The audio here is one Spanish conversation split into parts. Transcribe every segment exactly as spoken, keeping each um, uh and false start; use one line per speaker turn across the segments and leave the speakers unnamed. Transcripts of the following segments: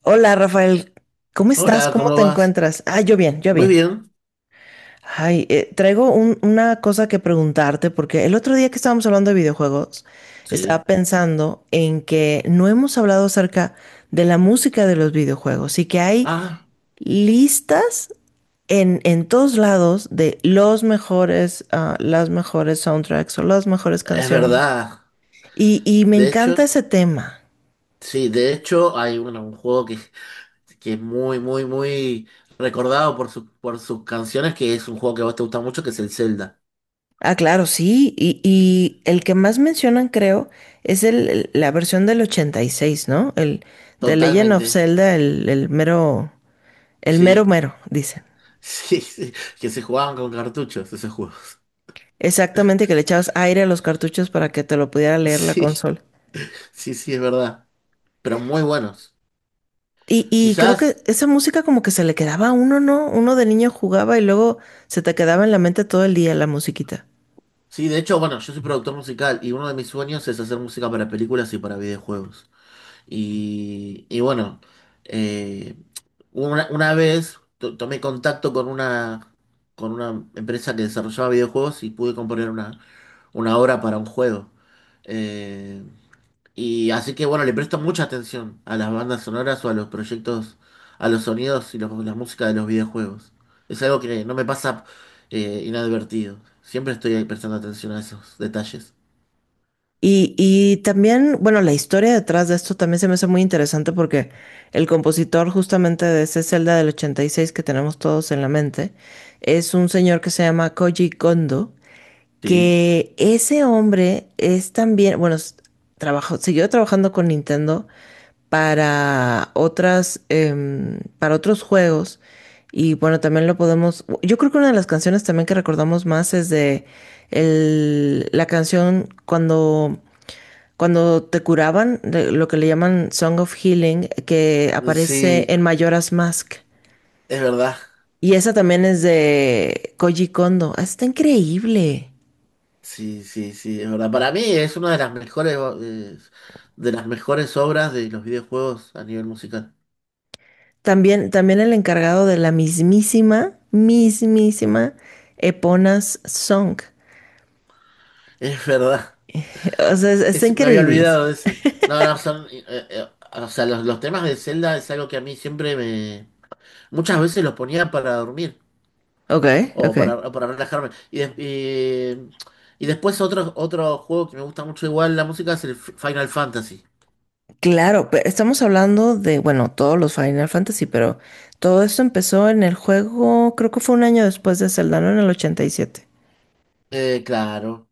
Hola Rafael, ¿cómo estás?
Hola,
¿Cómo
¿cómo
te
vas?
encuentras? Ah, yo bien, yo
Muy
bien.
bien,
Ay, eh, traigo un- una cosa que preguntarte porque el otro día que estábamos hablando de videojuegos, estaba
sí.
pensando en que no hemos hablado acerca de la música de los videojuegos y que hay
Ah,
listas en, en todos lados de los mejores, ah, las mejores soundtracks o las mejores
es
canciones.
verdad.
Y, y me
De
encanta
hecho,
ese tema.
sí, de hecho hay bueno, un juego que, que es muy, muy, muy recordado por, su- por sus canciones, que es un juego que a vos te gusta mucho, que es el Zelda.
Ah, claro, sí. Y, y el que más mencionan, creo, es el, el- la versión del ochenta y seis, ¿no? El de Legend
Totalmente,
of Zelda, el, el mero, el mero
sí,
mero, dicen.
sí, sí, que se jugaban con cartuchos esos juegos.
Exactamente, que le echabas aire a los cartuchos para que te lo pudiera leer la
Sí,
consola.
sí, sí, es verdad. Pero muy buenos.
Y, y creo
Quizás,
que esa música como que se le quedaba a uno, ¿no? Uno de niño jugaba y luego se te quedaba en la mente todo el día la musiquita.
sí, de hecho, bueno, yo soy productor musical y uno de mis sueños es hacer música para películas y para videojuegos. Y, y bueno, eh, una, una vez to- tomé contacto con una, con una empresa que desarrollaba videojuegos y pude componer una, una obra para un juego. Eh, y así que bueno, le presto mucha atención a las bandas sonoras o a los proyectos, a los sonidos y los- la música de los videojuegos. Es algo que no me pasa eh, inadvertido. Siempre estoy ahí prestando atención a esos detalles.
Y, y también, bueno, la historia detrás de esto también se me hace muy interesante porque el compositor justamente de ese Zelda del ochenta y seis que tenemos todos en la mente es un señor que se llama Koji Kondo,
Sí.
que ese hombre es también, bueno, s- trabajó, siguió trabajando con Nintendo para otras, em, para otros juegos y bueno, también lo podemos, yo creo que una de las canciones también que recordamos más es de el- la canción cuando cuando te curaban, de lo que le llaman Song of Healing, que aparece
Sí,
en Majora's Mask.
es verdad.
Y esa también es de Koji Kondo. Ah, Está increíble.
Sí, sí, sí, es verdad. Para mí es una de las mejores, eh, de las mejores obras de los videojuegos a nivel musical.
También, también el encargado de la mismísima, mismísima Epona's Song.
Es verdad.
O sea, es- está
Es- me había
increíble.
olvidado de ese. No, no, son. eh, eh, o sea, los, los temas de Zelda es algo que a mí siempre me. Muchas veces los ponía para dormir
Ok,
o
ok.
para, o para relajarme. Y, des- y, y después otro, otro juego que me gusta mucho igual la música es el F- Final Fantasy.
Claro, pero estamos hablando de, bueno, todos los Final Fantasy, pero todo esto empezó en el juego, creo que fue un año después de Zelda, ¿no? En el ochenta y siete.
Eh, claro.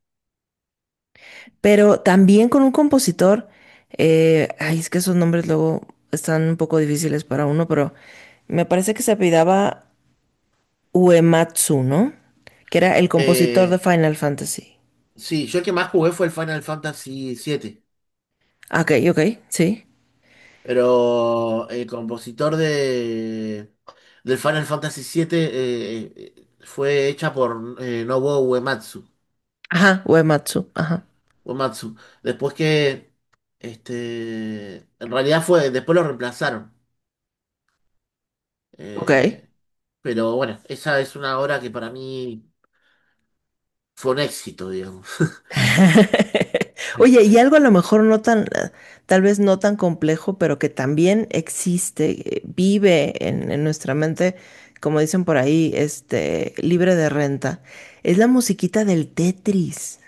Pero también con un compositor, eh, ay, es que esos nombres luego están un poco difíciles para uno, pero me parece que se apellidaba Uematsu, ¿no? Que era el compositor de
Eh,
Final Fantasy.
sí, yo el que más jugué fue el Final Fantasy siete.
Ah, Ok, ok, sí.
Pero el compositor de del Final Fantasy siete eh, eh, fue hecha por eh, Nobuo Uematsu.
Ajá, Uematsu, ajá.
Uematsu. Después que este, en realidad fue, después lo reemplazaron.
Ok.
Eh, pero bueno, esa es una obra que para mí fue un éxito, digamos.
Oye, y algo a lo mejor no tan, eh, tal vez no tan complejo, pero que también existe, eh, vive en, en nuestra mente, como dicen por ahí, este, libre de renta, es la musiquita del Tetris.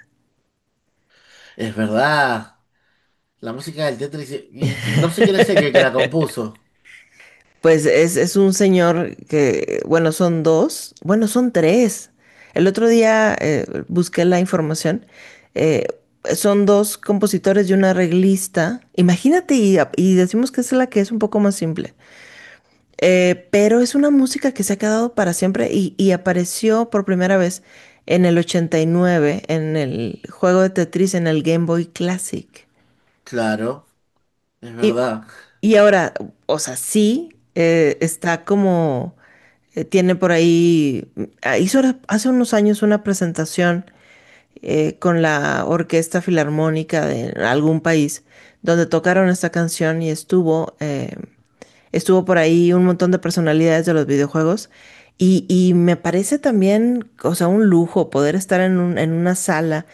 Es verdad. La música del Tetris y, y no sé quién es el que que la compuso.
Pues es, es un señor que, bueno, son dos, bueno, son tres. El otro día eh, busqué la información. eh, Son dos compositores y un arreglista. Imagínate, y, y decimos que es la que es un poco más simple. Eh, pero es una música que se ha quedado para siempre y, y apareció por primera vez en el ochenta y nueve en el juego de Tetris en el Game Boy Classic.
Claro, es
Y,
verdad.
y ahora, o sea, sí, eh, está como, eh, tiene por ahí, ah, hizo ahora- hace unos años una presentación eh, con la Orquesta Filarmónica de algún país, donde tocaron esta canción y estuvo, eh, estuvo por ahí un montón de personalidades de los videojuegos. Y, y me parece también, o sea, un lujo poder estar en, un- en una sala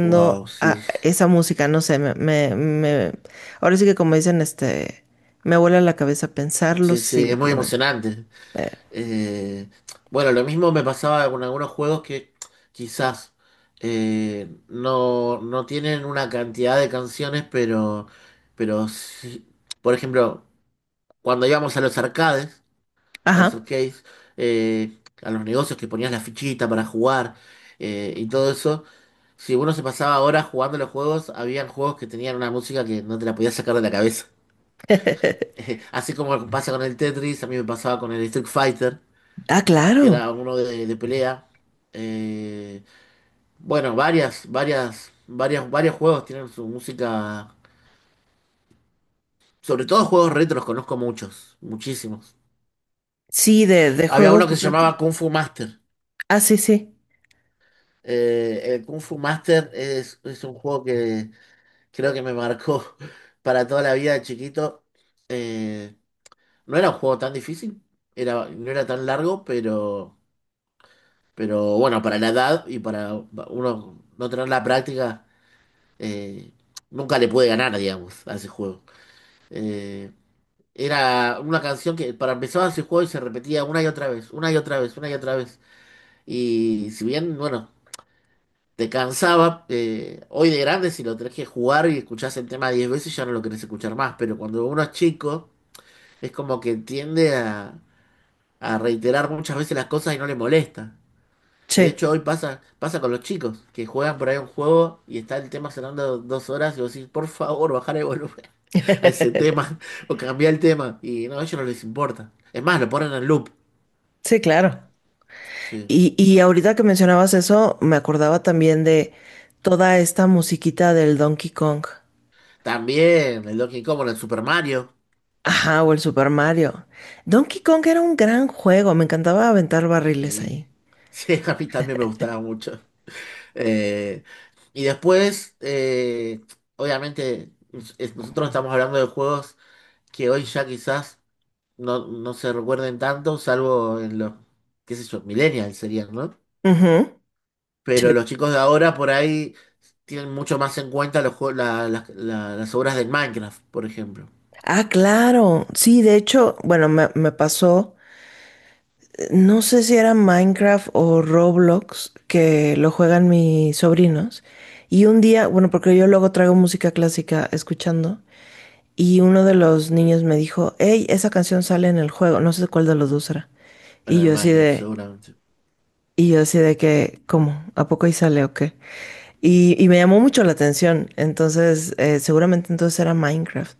Wow, sí.
a esa música, no sé, me, me- me- ahora sí que como dicen, este, me vuela la cabeza pensarlo
Sí, sí, es muy
simplemente.
emocionante. Eh, bueno, lo mismo me pasaba con algunos juegos que quizás eh, no, no tienen una cantidad de canciones, pero, pero sí. Por ejemplo, cuando íbamos a los arcades, a los
Ajá.
arcades, eh, a los negocios que ponías la fichita para jugar eh, y todo eso, si uno se pasaba horas jugando los juegos, habían juegos que tenían una música que no te la podías sacar de la cabeza. Así como pasa con el Tetris, a mí me pasaba con el Street Fighter,
Ah,
que
claro.
era uno de, de pelea. Eh, bueno, varias, varias, varias, varios juegos tienen su música. Sobre todo juegos retros, conozco muchos, muchísimos.
Sí, de, de
Había uno
juegos
que se
retro.
llamaba Kung Fu Master.
Ah, sí, sí.
Eh, el Kung Fu Master es, es un juego que creo que me marcó para toda la vida de chiquito. Eh, no era un juego tan difícil, era, no era tan largo, pero, pero bueno, para la edad y para uno no tener la práctica eh, nunca le pude ganar, digamos, a ese juego. Eh, era una canción que para empezar ese juego y se repetía una y otra vez, una y otra vez, una y otra vez. Y si bien, bueno, te cansaba, eh, hoy de grande si lo tenés que jugar y escuchás el tema diez veces ya no lo querés escuchar más, pero cuando uno es chico es como que tiende a, a reiterar muchas veces las cosas y no le molesta.
Sí,
De hecho, hoy pasa, pasa con los chicos que juegan por ahí un juego y está el tema sonando dos horas y vos decís, por favor, bajar el volumen a ese tema o cambiar el tema. Y no, a ellos no les importa. Es más, lo ponen en loop.
sí, claro.
Sí.
Y, y ahorita que mencionabas eso, me acordaba también de toda esta musiquita del Donkey Kong.
También el Donkey Kong, el Super Mario.
Ajá, o el Super Mario. Donkey Kong era un gran juego, me encantaba aventar barriles
Sí.
ahí.
Sí, a mí también me gustaba mucho. Eh, y después, eh, obviamente, es- nosotros estamos hablando de juegos que hoy ya quizás no, no se recuerden tanto, salvo en los, qué sé yo, millennials serían, ¿no?
Ujú.
Pero
Sí.
los chicos de ahora por ahí tienen mucho más en cuenta los jue- la- las la- las obras del Minecraft, por ejemplo.
Ah, claro. Sí, de hecho, bueno, me, me pasó. No sé si era Minecraft o Roblox, que lo juegan mis sobrinos. Y un día, bueno, porque yo luego traigo música clásica escuchando, y uno de los niños me dijo, hey, esa canción sale en el juego, no sé cuál de los dos era.
Bueno,
Y
el
yo así
Minecraft
de,
seguramente.
y yo así de que, ¿cómo? ¿A poco ahí sale o qué? Y, y me llamó mucho la atención, entonces eh, seguramente entonces era Minecraft.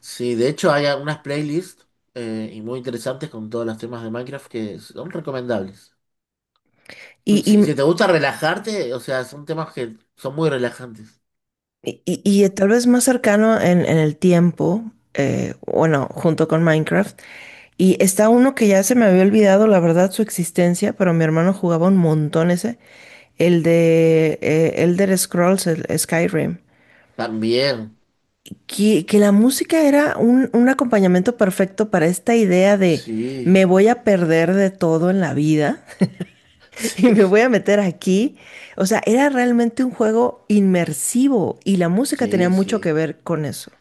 Sí, de hecho hay algunas playlists eh, y muy interesantes con todos los temas de Minecraft que son recomendables.
Y,
Si,
y
si te gusta relajarte, o sea, son temas que son muy relajantes.
Y, y- y tal vez más cercano en, en el tiempo, eh, bueno, junto con Minecraft. Y está uno que ya se me había olvidado, la verdad, su existencia, pero mi hermano jugaba un montón ese, el de eh, Elder Scrolls, el Skyrim.
También,
Que, que la música era un, un acompañamiento perfecto para esta idea de
sí,
me voy a perder de todo en la vida y me
sí,
voy a meter aquí. O sea, era realmente un juego inmersivo y la música tenía
sí,
mucho
sí.
que ver con eso.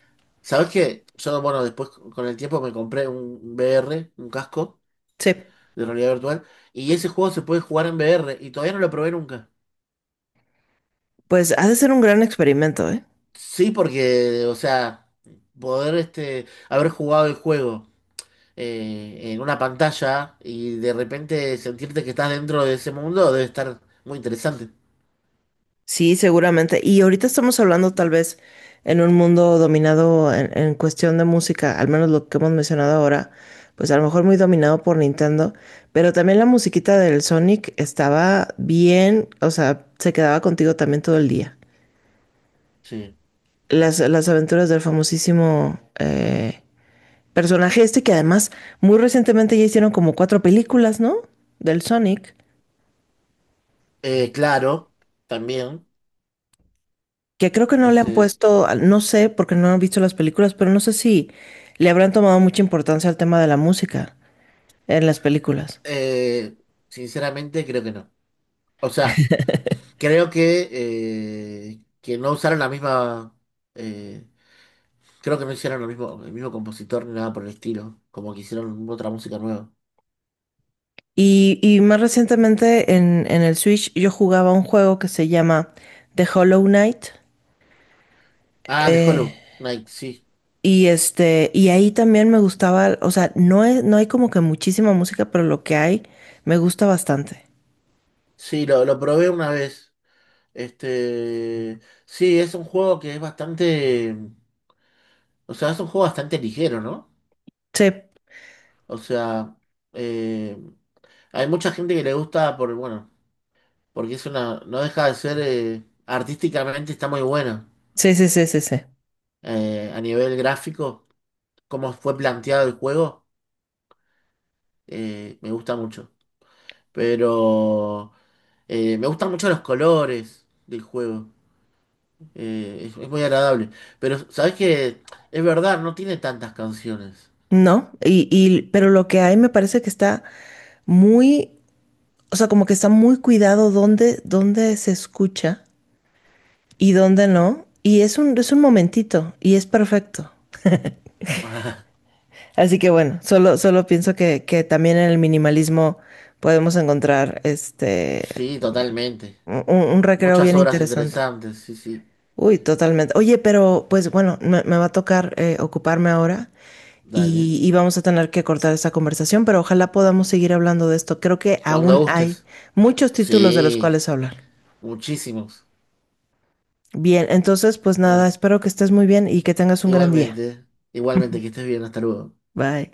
¿Sabes qué? Yo, bueno, después con el tiempo me compré un V R, un casco
Sí,
de realidad virtual, y ese juego se puede jugar en V R y todavía no lo probé nunca.
pues ha de ser un gran experimento, ¿eh?
Sí, porque, o sea, poder este, haber jugado el juego eh, en una pantalla y de repente sentirte que estás dentro de ese mundo debe estar muy interesante.
Sí, seguramente. Y ahorita estamos hablando tal vez en un mundo dominado en, en cuestión de música, al menos lo que hemos mencionado ahora, pues a lo mejor muy dominado por Nintendo, pero también la musiquita del Sonic estaba bien, o sea, se quedaba contigo también todo el día.
Sí.
Las, las aventuras del famosísimo eh, personaje este que además muy recientemente ya hicieron como cuatro películas, ¿no? Del Sonic.
Eh, claro, también.
que creo que no le han
Este,
puesto, no sé, porque no han visto las películas, pero no sé si le habrán tomado mucha importancia al tema de la música en las películas.
eh, sinceramente creo que no. O sea. Creo que, eh, que no usaron la misma. eh, creo que no hicieron lo mismo, el mismo compositor ni nada por el estilo. Como que hicieron otra música nueva.
Y, y más recientemente en, en el Switch yo jugaba un juego que se llama The Hollow Knight.
Ah, The
eh,
Hollow Knight, sí.
y este, y ahí también me gustaba, o sea, no es, no hay como que muchísima música, pero lo que hay me gusta bastante.
Sí, lo, lo probé una vez. Este. Sí, es un juego que es bastante. O sea, es un juego bastante ligero, ¿no?
Sí,
O sea. eh, hay mucha gente que le gusta por, bueno, porque es una, no deja de ser, eh, artísticamente está muy bueno
sí, sí, sí, sí, sí.
eh, a nivel gráfico. Cómo fue planteado el juego, eh, me gusta mucho. Pero eh, me gustan mucho los colores del juego. eh, es, es muy agradable. Pero sabes que es verdad, no tiene tantas canciones.
No, y, y, pero lo que hay me parece que está muy o sea, como que está muy cuidado dónde, dónde se escucha y dónde no. Y es un, es un momentito y es perfecto. Así que bueno, solo, solo pienso que, que también en el minimalismo podemos encontrar este
Sí, totalmente.
un, un recreo
Muchas
bien
obras
interesante.
interesantes, sí, sí.
Uy, totalmente. Oye, pero pues bueno, me, me va a tocar eh, ocuparme ahora
Dale.
y, y vamos a tener que cortar esta conversación, pero ojalá podamos seguir hablando de esto. Creo que
Cuando
aún hay
gustes.
muchos títulos de los
Sí,
cuales hablar.
muchísimos.
Bien, entonces pues
Eh,
nada, espero que estés muy bien y que tengas un gran día.
igualmente, igualmente, que estés bien, hasta luego.
Bye.